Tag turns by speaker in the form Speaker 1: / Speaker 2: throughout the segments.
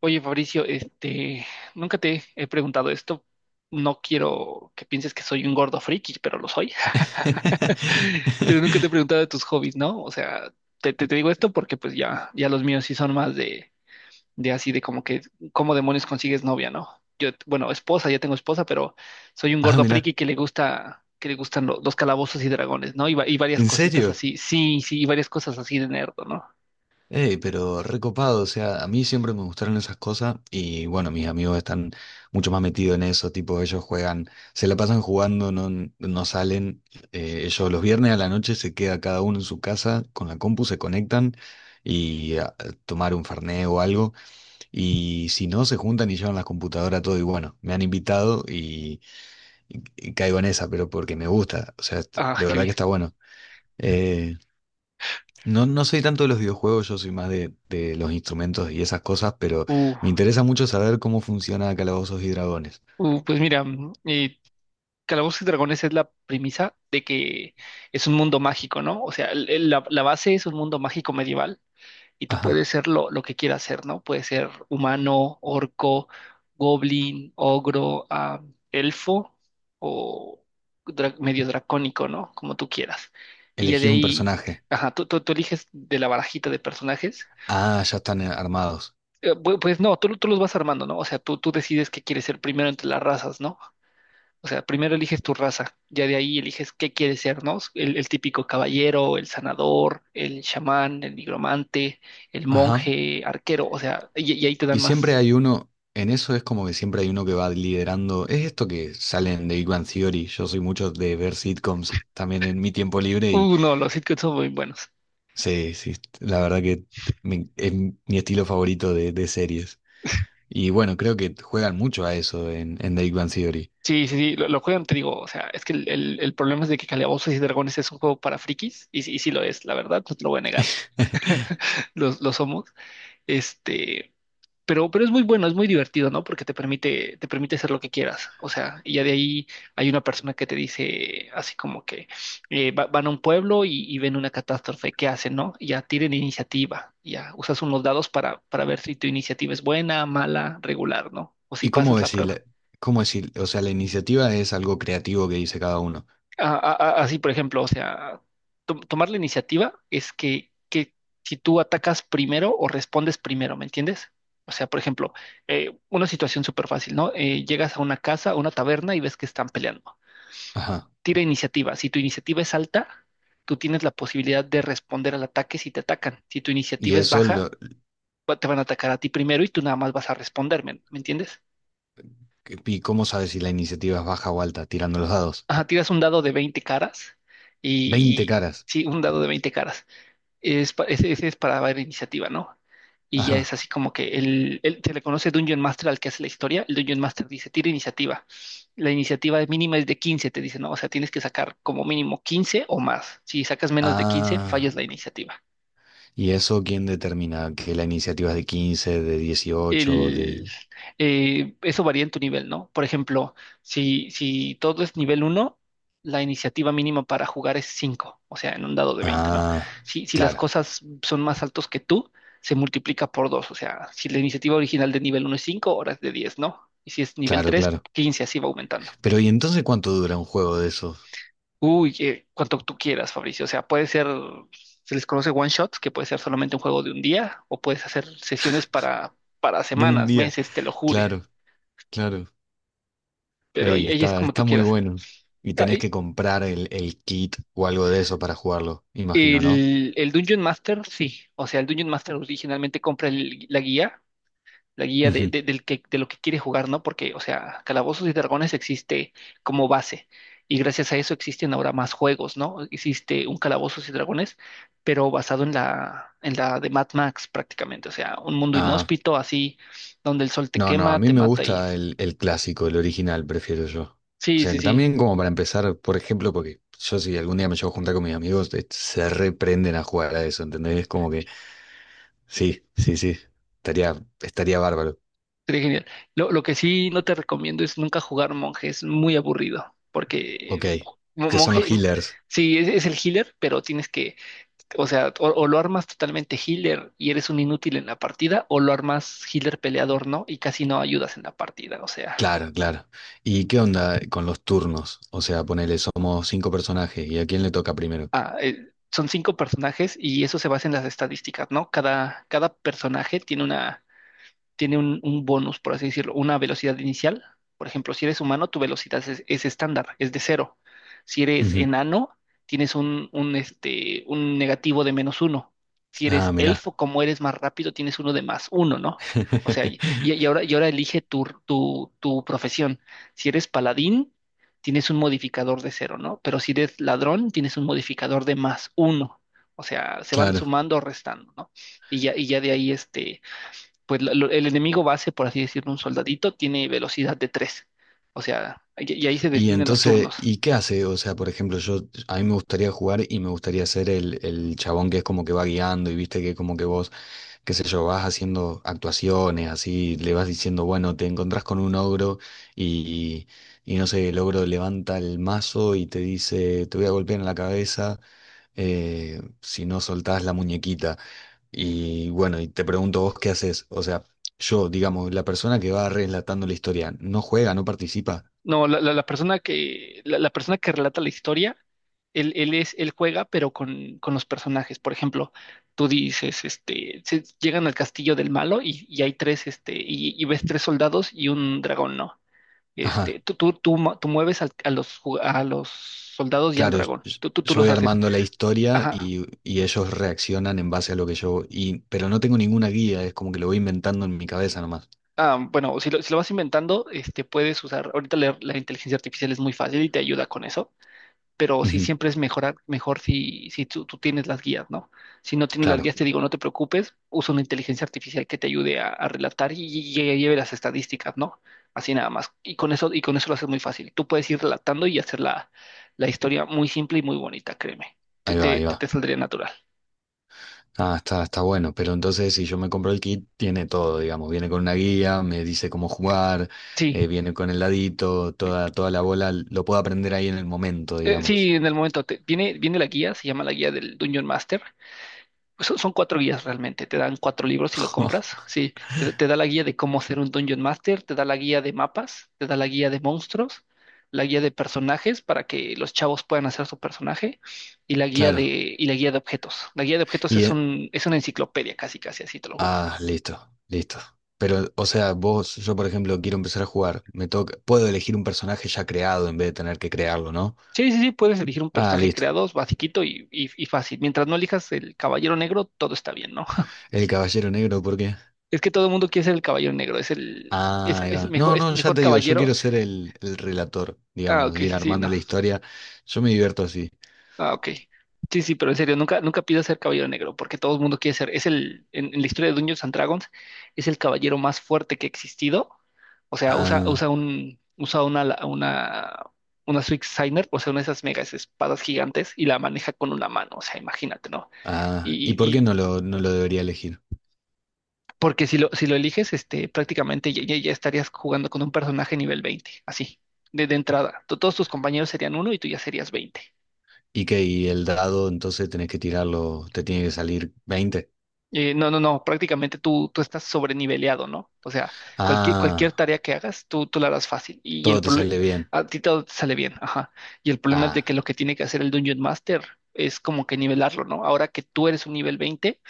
Speaker 1: Oye, Fabricio, nunca te he preguntado esto. No quiero que pienses que soy un gordo friki, pero lo soy. Pero nunca te he preguntado de tus hobbies, ¿no? O sea, te digo esto porque pues ya los míos sí son más de así de como que, ¿cómo demonios consigues novia, no? Yo, bueno, esposa, ya tengo esposa, pero soy un
Speaker 2: Ah,
Speaker 1: gordo
Speaker 2: mirá,
Speaker 1: friki que le gusta, que le gustan los calabozos y dragones, ¿no? Y, y varias
Speaker 2: ¿en
Speaker 1: cositas
Speaker 2: serio?
Speaker 1: así, sí, sí, y varias cosas así de nerd, ¿no?
Speaker 2: Ey, pero recopado, o sea, a mí siempre me gustaron esas cosas y bueno, mis amigos están mucho más metidos en eso, tipo, ellos juegan, se la pasan jugando, no, no salen, ellos los viernes a la noche se queda cada uno en su casa con la compu, se conectan y a tomar un fernet o algo. Y si no, se juntan y llevan la computadora todo y bueno, me han invitado y caigo en esa, pero porque me gusta, o sea,
Speaker 1: Ah,
Speaker 2: de
Speaker 1: qué
Speaker 2: verdad que
Speaker 1: bien.
Speaker 2: está bueno. Eh, no, no soy tanto de los videojuegos, yo soy más de los instrumentos y esas cosas, pero
Speaker 1: Uh,
Speaker 2: me interesa mucho saber cómo funciona Calabozos y Dragones.
Speaker 1: pues mira, eh, Calabozos y Dragones es la premisa de que es un mundo mágico, ¿no? O sea, la base es un mundo mágico medieval y tú
Speaker 2: Ajá.
Speaker 1: puedes ser lo que quieras ser, ¿no? Puedes ser humano, orco, goblin, ogro, elfo o medio dracónico, ¿no? Como tú quieras. Y ya de
Speaker 2: Elegís un
Speaker 1: ahí,
Speaker 2: personaje.
Speaker 1: ajá, tú eliges de la barajita de personajes.
Speaker 2: Ah, ya están armados.
Speaker 1: Pues no, tú los vas armando, ¿no? O sea, tú decides qué quieres ser primero entre las razas, ¿no? O sea, primero eliges tu raza, ya de ahí eliges qué quieres ser, ¿no? El típico caballero, el sanador, el chamán, el nigromante, el
Speaker 2: Ajá.
Speaker 1: monje, arquero, o sea, y ahí te dan
Speaker 2: Y siempre
Speaker 1: más.
Speaker 2: hay uno, en eso es como que siempre hay uno que va liderando. Es esto que salen de Big Bang Theory. Yo soy mucho de ver sitcoms también en mi tiempo libre y
Speaker 1: No, los sitcoms son muy buenos.
Speaker 2: sí, sí, la verdad que es mi estilo favorito de series. Y bueno, creo que juegan mucho a eso en The Big Bang Theory.
Speaker 1: Sí, sí, sí, lo juegan, te digo, o sea, es que el problema es de que Calabozos y Dragones es un juego para frikis, y sí lo es, la verdad, no te lo voy a negar, los lo somos. Este, pero es muy bueno, es muy divertido, ¿no? Porque te permite hacer lo que quieras. O sea, y ya de ahí hay una persona que te dice así como que van a un pueblo y ven una catástrofe, ¿qué hacen, no? Y ya tiren iniciativa, y ya usas unos dados para ver si tu iniciativa es buena, mala, regular, ¿no? O si
Speaker 2: ¿Y
Speaker 1: pasas la prueba.
Speaker 2: cómo decir, o sea, la iniciativa es algo creativo que dice cada uno?
Speaker 1: a- a- así, por ejemplo, o sea, tomar la iniciativa es que si tú atacas primero o respondes primero, ¿me entiendes? O sea, por ejemplo, una situación súper fácil, ¿no? Llegas a una casa, a una taberna y ves que están peleando.
Speaker 2: Ajá.
Speaker 1: Tira iniciativa. Si tu iniciativa es alta, tú tienes la posibilidad de responder al ataque si te atacan. Si tu
Speaker 2: Y
Speaker 1: iniciativa es
Speaker 2: eso,
Speaker 1: baja,
Speaker 2: lo,
Speaker 1: te van a atacar a ti primero y tú nada más vas a responderme, ¿me entiendes?
Speaker 2: ¿Y cómo sabes si la iniciativa es baja o alta? Tirando los dados.
Speaker 1: Ajá, tiras un dado de 20 caras
Speaker 2: Veinte
Speaker 1: y
Speaker 2: caras.
Speaker 1: sí, un dado de 20 caras. Es, ese es para ver iniciativa, ¿no? Y ya es
Speaker 2: Ajá.
Speaker 1: así como que se le conoce Dungeon Master al que hace la historia. El Dungeon Master dice, tira iniciativa. La iniciativa mínima es de 15, te dice, ¿no? O sea, tienes que sacar como mínimo 15 o más. Si sacas menos de 15 fallas
Speaker 2: Ah.
Speaker 1: la iniciativa.
Speaker 2: ¿Y eso quién determina? Que la iniciativa es de quince, de 18
Speaker 1: el,
Speaker 2: de...
Speaker 1: Eso varía en tu nivel, ¿no? Por ejemplo, si todo es nivel uno, la iniciativa mínima para jugar es 5, o sea, en un dado de 20, ¿no?
Speaker 2: Ah.
Speaker 1: Si las
Speaker 2: Claro,
Speaker 1: cosas son más altos que tú, se multiplica por 2, o sea, si la iniciativa original de nivel uno es 5, ahora es de 10, ¿no? Y si es nivel
Speaker 2: claro,
Speaker 1: 3,
Speaker 2: claro.
Speaker 1: 15, así va aumentando.
Speaker 2: Pero ¿y entonces cuánto dura un juego de esos?
Speaker 1: Uy, cuanto tú quieras, Fabricio, o sea, puede ser, se les conoce one shots, que puede ser solamente un juego de un día, o puedes hacer sesiones para
Speaker 2: De un
Speaker 1: semanas,
Speaker 2: día.
Speaker 1: meses, te lo jure.
Speaker 2: Claro, claro.
Speaker 1: Pero
Speaker 2: Ey,
Speaker 1: ahí es
Speaker 2: está,
Speaker 1: como tú
Speaker 2: está muy
Speaker 1: quieras.
Speaker 2: bueno. Y tenés
Speaker 1: Ahí-
Speaker 2: que comprar el kit o algo de eso para jugarlo, imagino, ¿no?
Speaker 1: el Dungeon Master, sí. O sea, el Dungeon Master originalmente compra la guía
Speaker 2: Ujú.
Speaker 1: de lo que quiere jugar, ¿no? Porque, o sea, Calabozos y Dragones existe como base. Y gracias a eso existen ahora más juegos, ¿no? Existe un Calabozos y Dragones, pero basado en la de Mad Max prácticamente. O sea, un mundo
Speaker 2: Ah,
Speaker 1: inhóspito así, donde el sol te
Speaker 2: no, no, a
Speaker 1: quema,
Speaker 2: mí
Speaker 1: te
Speaker 2: me
Speaker 1: mata y...
Speaker 2: gusta el clásico, el original, prefiero yo. O
Speaker 1: Sí,
Speaker 2: sea,
Speaker 1: sí,
Speaker 2: que
Speaker 1: sí.
Speaker 2: también como para empezar, por ejemplo, porque yo si algún día me llevo a juntar con mis amigos, se reprenden a jugar a eso, ¿entendés? Es como que, sí, sí, sí, estaría, estaría bárbaro.
Speaker 1: Sería genial. Lo que sí no te recomiendo es nunca jugar monje, es muy aburrido, porque eh,
Speaker 2: Ok, que son
Speaker 1: monje,
Speaker 2: los healers.
Speaker 1: sí, es el healer, pero tienes que, o sea, o lo armas totalmente healer y eres un inútil en la partida, o lo armas healer peleador, ¿no? Y casi no ayudas en la partida, o sea,
Speaker 2: Claro, claro. ¿Y qué onda con los turnos? O sea, ponele, somos cinco personajes, ¿y a quién le toca primero?
Speaker 1: son cinco personajes y eso se basa en las estadísticas, ¿no? Cada personaje tiene una... tiene un bonus, por así decirlo, una velocidad inicial. Por ejemplo, si eres humano, tu velocidad es estándar, es de cero. Si eres
Speaker 2: Ujú.
Speaker 1: enano, tienes un negativo de menos uno. Si eres
Speaker 2: Ah, mirá.
Speaker 1: elfo, como eres más rápido, tienes uno de más uno, ¿no? O sea, y ahora elige tu profesión. Si eres paladín, tienes un modificador de cero, ¿no? Pero si eres ladrón, tienes un modificador de más uno. O sea, se van
Speaker 2: Claro.
Speaker 1: sumando o restando, ¿no? Y ya de ahí, pues el enemigo base, por así decirlo, un soldadito, tiene velocidad de 3. O sea, y ahí se
Speaker 2: Y
Speaker 1: definen los
Speaker 2: entonces,
Speaker 1: turnos.
Speaker 2: ¿y qué hace? O sea, por ejemplo, yo a mí me gustaría jugar y me gustaría ser el chabón que es como que va guiando y viste que como que vos, qué sé yo, vas haciendo actuaciones, así le vas diciendo, bueno, te encontrás con un ogro y, y no sé, el ogro levanta el mazo y te dice, te voy a golpear en la cabeza, si no soltás la muñequita. Y bueno, y te pregunto vos qué haces. O sea, yo, digamos, la persona que va relatando la historia, ¿no juega, no participa?
Speaker 1: No, la, la persona que relata la historia, él juega, pero con los personajes. Por ejemplo, tú dices, llegan al castillo del malo y hay tres, y ves tres soldados y un dragón, ¿no? Este,
Speaker 2: Ajá,
Speaker 1: tú, tú, tú, mu- tú mueves a los, a los soldados y al
Speaker 2: claro,
Speaker 1: dragón. Tú
Speaker 2: yo
Speaker 1: los
Speaker 2: voy
Speaker 1: haces.
Speaker 2: armando la historia
Speaker 1: Ajá.
Speaker 2: y ellos reaccionan en base a lo que yo... Y, pero no tengo ninguna guía, es como que lo voy inventando en mi cabeza nomás.
Speaker 1: Ah, bueno, si si lo vas inventando, puedes usar, ahorita la inteligencia artificial es muy fácil y te ayuda con eso, pero sí
Speaker 2: Ujú.
Speaker 1: siempre mejor si tú tienes las guías, ¿no? Si no tienes las
Speaker 2: Claro,
Speaker 1: guías, te digo, no te preocupes, usa una inteligencia artificial que te ayude a relatar y, y lleve las estadísticas, ¿no? Así nada más. Y con eso lo haces muy fácil. Tú puedes ir relatando y hacer la historia muy simple y muy bonita, créeme. Te,
Speaker 2: ahí va,
Speaker 1: te,
Speaker 2: ahí
Speaker 1: te, te
Speaker 2: va.
Speaker 1: saldría natural.
Speaker 2: Ah, está, está bueno, pero entonces si yo me compro el kit, tiene todo, digamos, viene con una guía, me dice cómo jugar,
Speaker 1: Sí,
Speaker 2: viene con el ladito, toda, toda la bola, lo puedo aprender ahí en el momento,
Speaker 1: sí,
Speaker 2: digamos.
Speaker 1: en el momento viene, viene la guía, se llama la guía del Dungeon Master. Son cuatro guías realmente, te dan cuatro libros si lo compras, sí, te da la guía de cómo ser un Dungeon Master, te da la guía de mapas, te da la guía de monstruos, la guía de personajes para que los chavos puedan hacer su personaje y la guía
Speaker 2: Claro.
Speaker 1: de, y la guía de objetos. La guía de objetos
Speaker 2: Y,
Speaker 1: es un, es una enciclopedia casi, casi así, te lo juro.
Speaker 2: ah, listo, listo. Pero, o sea, vos, yo por ejemplo, quiero empezar a jugar. Me toca, puedo elegir un personaje ya creado en vez de tener que crearlo, ¿no?
Speaker 1: Sí, sí, sí, puedes elegir un
Speaker 2: Ah,
Speaker 1: personaje
Speaker 2: listo.
Speaker 1: creado, basiquito y fácil. Mientras no elijas el caballero negro, todo está bien, ¿no?
Speaker 2: El Caballero Negro, ¿por qué?
Speaker 1: Es que todo el mundo quiere ser el caballero negro, es
Speaker 2: Ah, ahí va. No,
Speaker 1: es el
Speaker 2: no, ya
Speaker 1: mejor
Speaker 2: te digo, yo
Speaker 1: caballero.
Speaker 2: quiero ser el relator,
Speaker 1: Ah,
Speaker 2: digamos,
Speaker 1: ok,
Speaker 2: ir
Speaker 1: sí, sí,
Speaker 2: armando
Speaker 1: no.
Speaker 2: la historia. Yo me divierto así.
Speaker 1: Ah, ok. Sí, sí, pero en serio, nunca, nunca pidas ser caballero negro, porque todo el mundo quiere ser. Es en la historia de Dungeons and Dragons, es el caballero más fuerte que ha existido. O sea,
Speaker 2: Ah,
Speaker 1: usa una, una Schwarzenegger, o sea, una de esas megas espadas gigantes, y la maneja con una mano. O sea, imagínate, ¿no? Y,
Speaker 2: ah. ¿Y
Speaker 1: y,
Speaker 2: por qué
Speaker 1: y-
Speaker 2: no lo, no lo debería elegir?
Speaker 1: porque si lo eliges, prácticamente ya estarías jugando con un personaje nivel 20, así, de entrada. Todos tus compañeros serían uno y tú ya serías 20.
Speaker 2: ¿Y qué? ¿Y el dado, entonces tenés que tirarlo, te tiene que salir veinte?
Speaker 1: No, no, no, prácticamente tú estás sobreniveleado, ¿no? O sea, cualquier
Speaker 2: Ah,
Speaker 1: tarea que hagas, tú la harás fácil y el
Speaker 2: todo te
Speaker 1: problema,
Speaker 2: sale bien.
Speaker 1: a ti todo te sale bien, ajá. Y el problema es de
Speaker 2: Ah.
Speaker 1: que lo que tiene que hacer el Dungeon Master es como que nivelarlo, ¿no? Ahora que tú eres un nivel 20,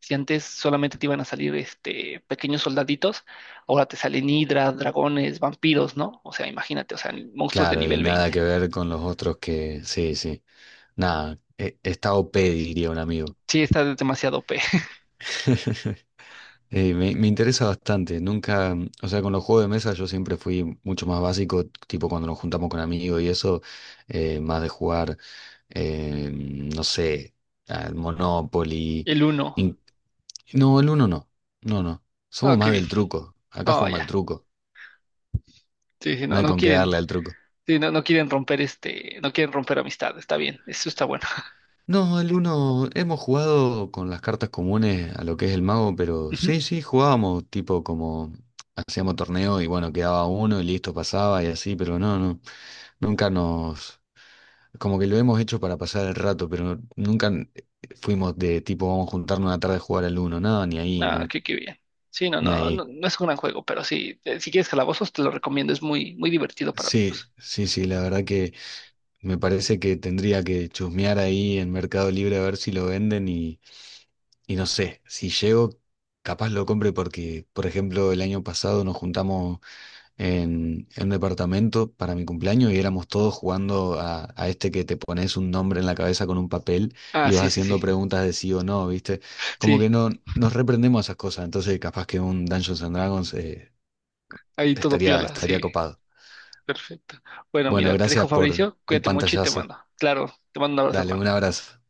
Speaker 1: si antes solamente te iban a salir este, pequeños soldaditos, ahora te salen hidras, dragones, vampiros, ¿no? O sea, imagínate, o sea, monstruos de
Speaker 2: Claro, y
Speaker 1: nivel
Speaker 2: nada
Speaker 1: 20.
Speaker 2: que ver con los otros que, sí, sí, nada, está OP, diría un amigo.
Speaker 1: Sí, está demasiado OP.
Speaker 2: Me interesa bastante, nunca, mm, o sea, con los juegos de mesa yo siempre fui mucho más básico, tipo cuando nos juntamos con amigos y eso, más de jugar, no sé, al Monopoly.
Speaker 1: El uno.
Speaker 2: in- no, el uno no, no, no,
Speaker 1: Ah,
Speaker 2: somos
Speaker 1: qué
Speaker 2: más
Speaker 1: bien.
Speaker 2: del truco, acá
Speaker 1: Ah,
Speaker 2: jugamos
Speaker 1: ya.
Speaker 2: al truco,
Speaker 1: Sí, sí,
Speaker 2: no
Speaker 1: no,
Speaker 2: hay
Speaker 1: no
Speaker 2: con qué
Speaker 1: quieren.
Speaker 2: darle al truco.
Speaker 1: Sí, no, no quieren no quieren romper amistad, está bien, eso está bueno.
Speaker 2: No, el uno hemos jugado con las cartas comunes a lo que es el mago, pero
Speaker 1: Ujú.
Speaker 2: sí, sí, jugábamos tipo como hacíamos torneo y bueno, quedaba uno y listo, pasaba y así, pero no, no, nunca nos, como que lo hemos hecho para pasar el rato, pero nunca n- fuimos de tipo vamos a juntarnos una tarde a jugar al uno, no, ni ahí,
Speaker 1: Ah,
Speaker 2: no,
Speaker 1: qué bien. Sí, no,
Speaker 2: ni
Speaker 1: no, no,
Speaker 2: ahí.
Speaker 1: no es un gran juego, pero sí, si quieres calabozos, te lo recomiendo, es muy, muy divertido para
Speaker 2: Sí,
Speaker 1: amigos.
Speaker 2: sí, sí, la verdad que me parece que tendría que chusmear ahí en Mercado Libre a ver si lo venden. Y no sé, si llego, capaz lo compre porque, por ejemplo, el año pasado nos juntamos en un departamento para mi cumpleaños y éramos todos jugando a este que te pones un nombre en la cabeza con un papel
Speaker 1: Ah,
Speaker 2: y vas
Speaker 1: sí, sí,
Speaker 2: haciendo
Speaker 1: sí,
Speaker 2: preguntas de sí o no, ¿viste? Como que
Speaker 1: sí,
Speaker 2: no nos reprendemos a esas cosas, entonces capaz que un Dungeons and Dragons,
Speaker 1: ahí todo
Speaker 2: estaría,
Speaker 1: piola,
Speaker 2: estaría
Speaker 1: sí,
Speaker 2: copado.
Speaker 1: perfecto. Bueno,
Speaker 2: Bueno,
Speaker 1: mira, te dejo
Speaker 2: gracias por
Speaker 1: Fabricio,
Speaker 2: el
Speaker 1: cuídate mucho y te
Speaker 2: pantallazo.
Speaker 1: mando. Claro, te mando un abrazo,
Speaker 2: Dale, un
Speaker 1: hermano.
Speaker 2: abrazo.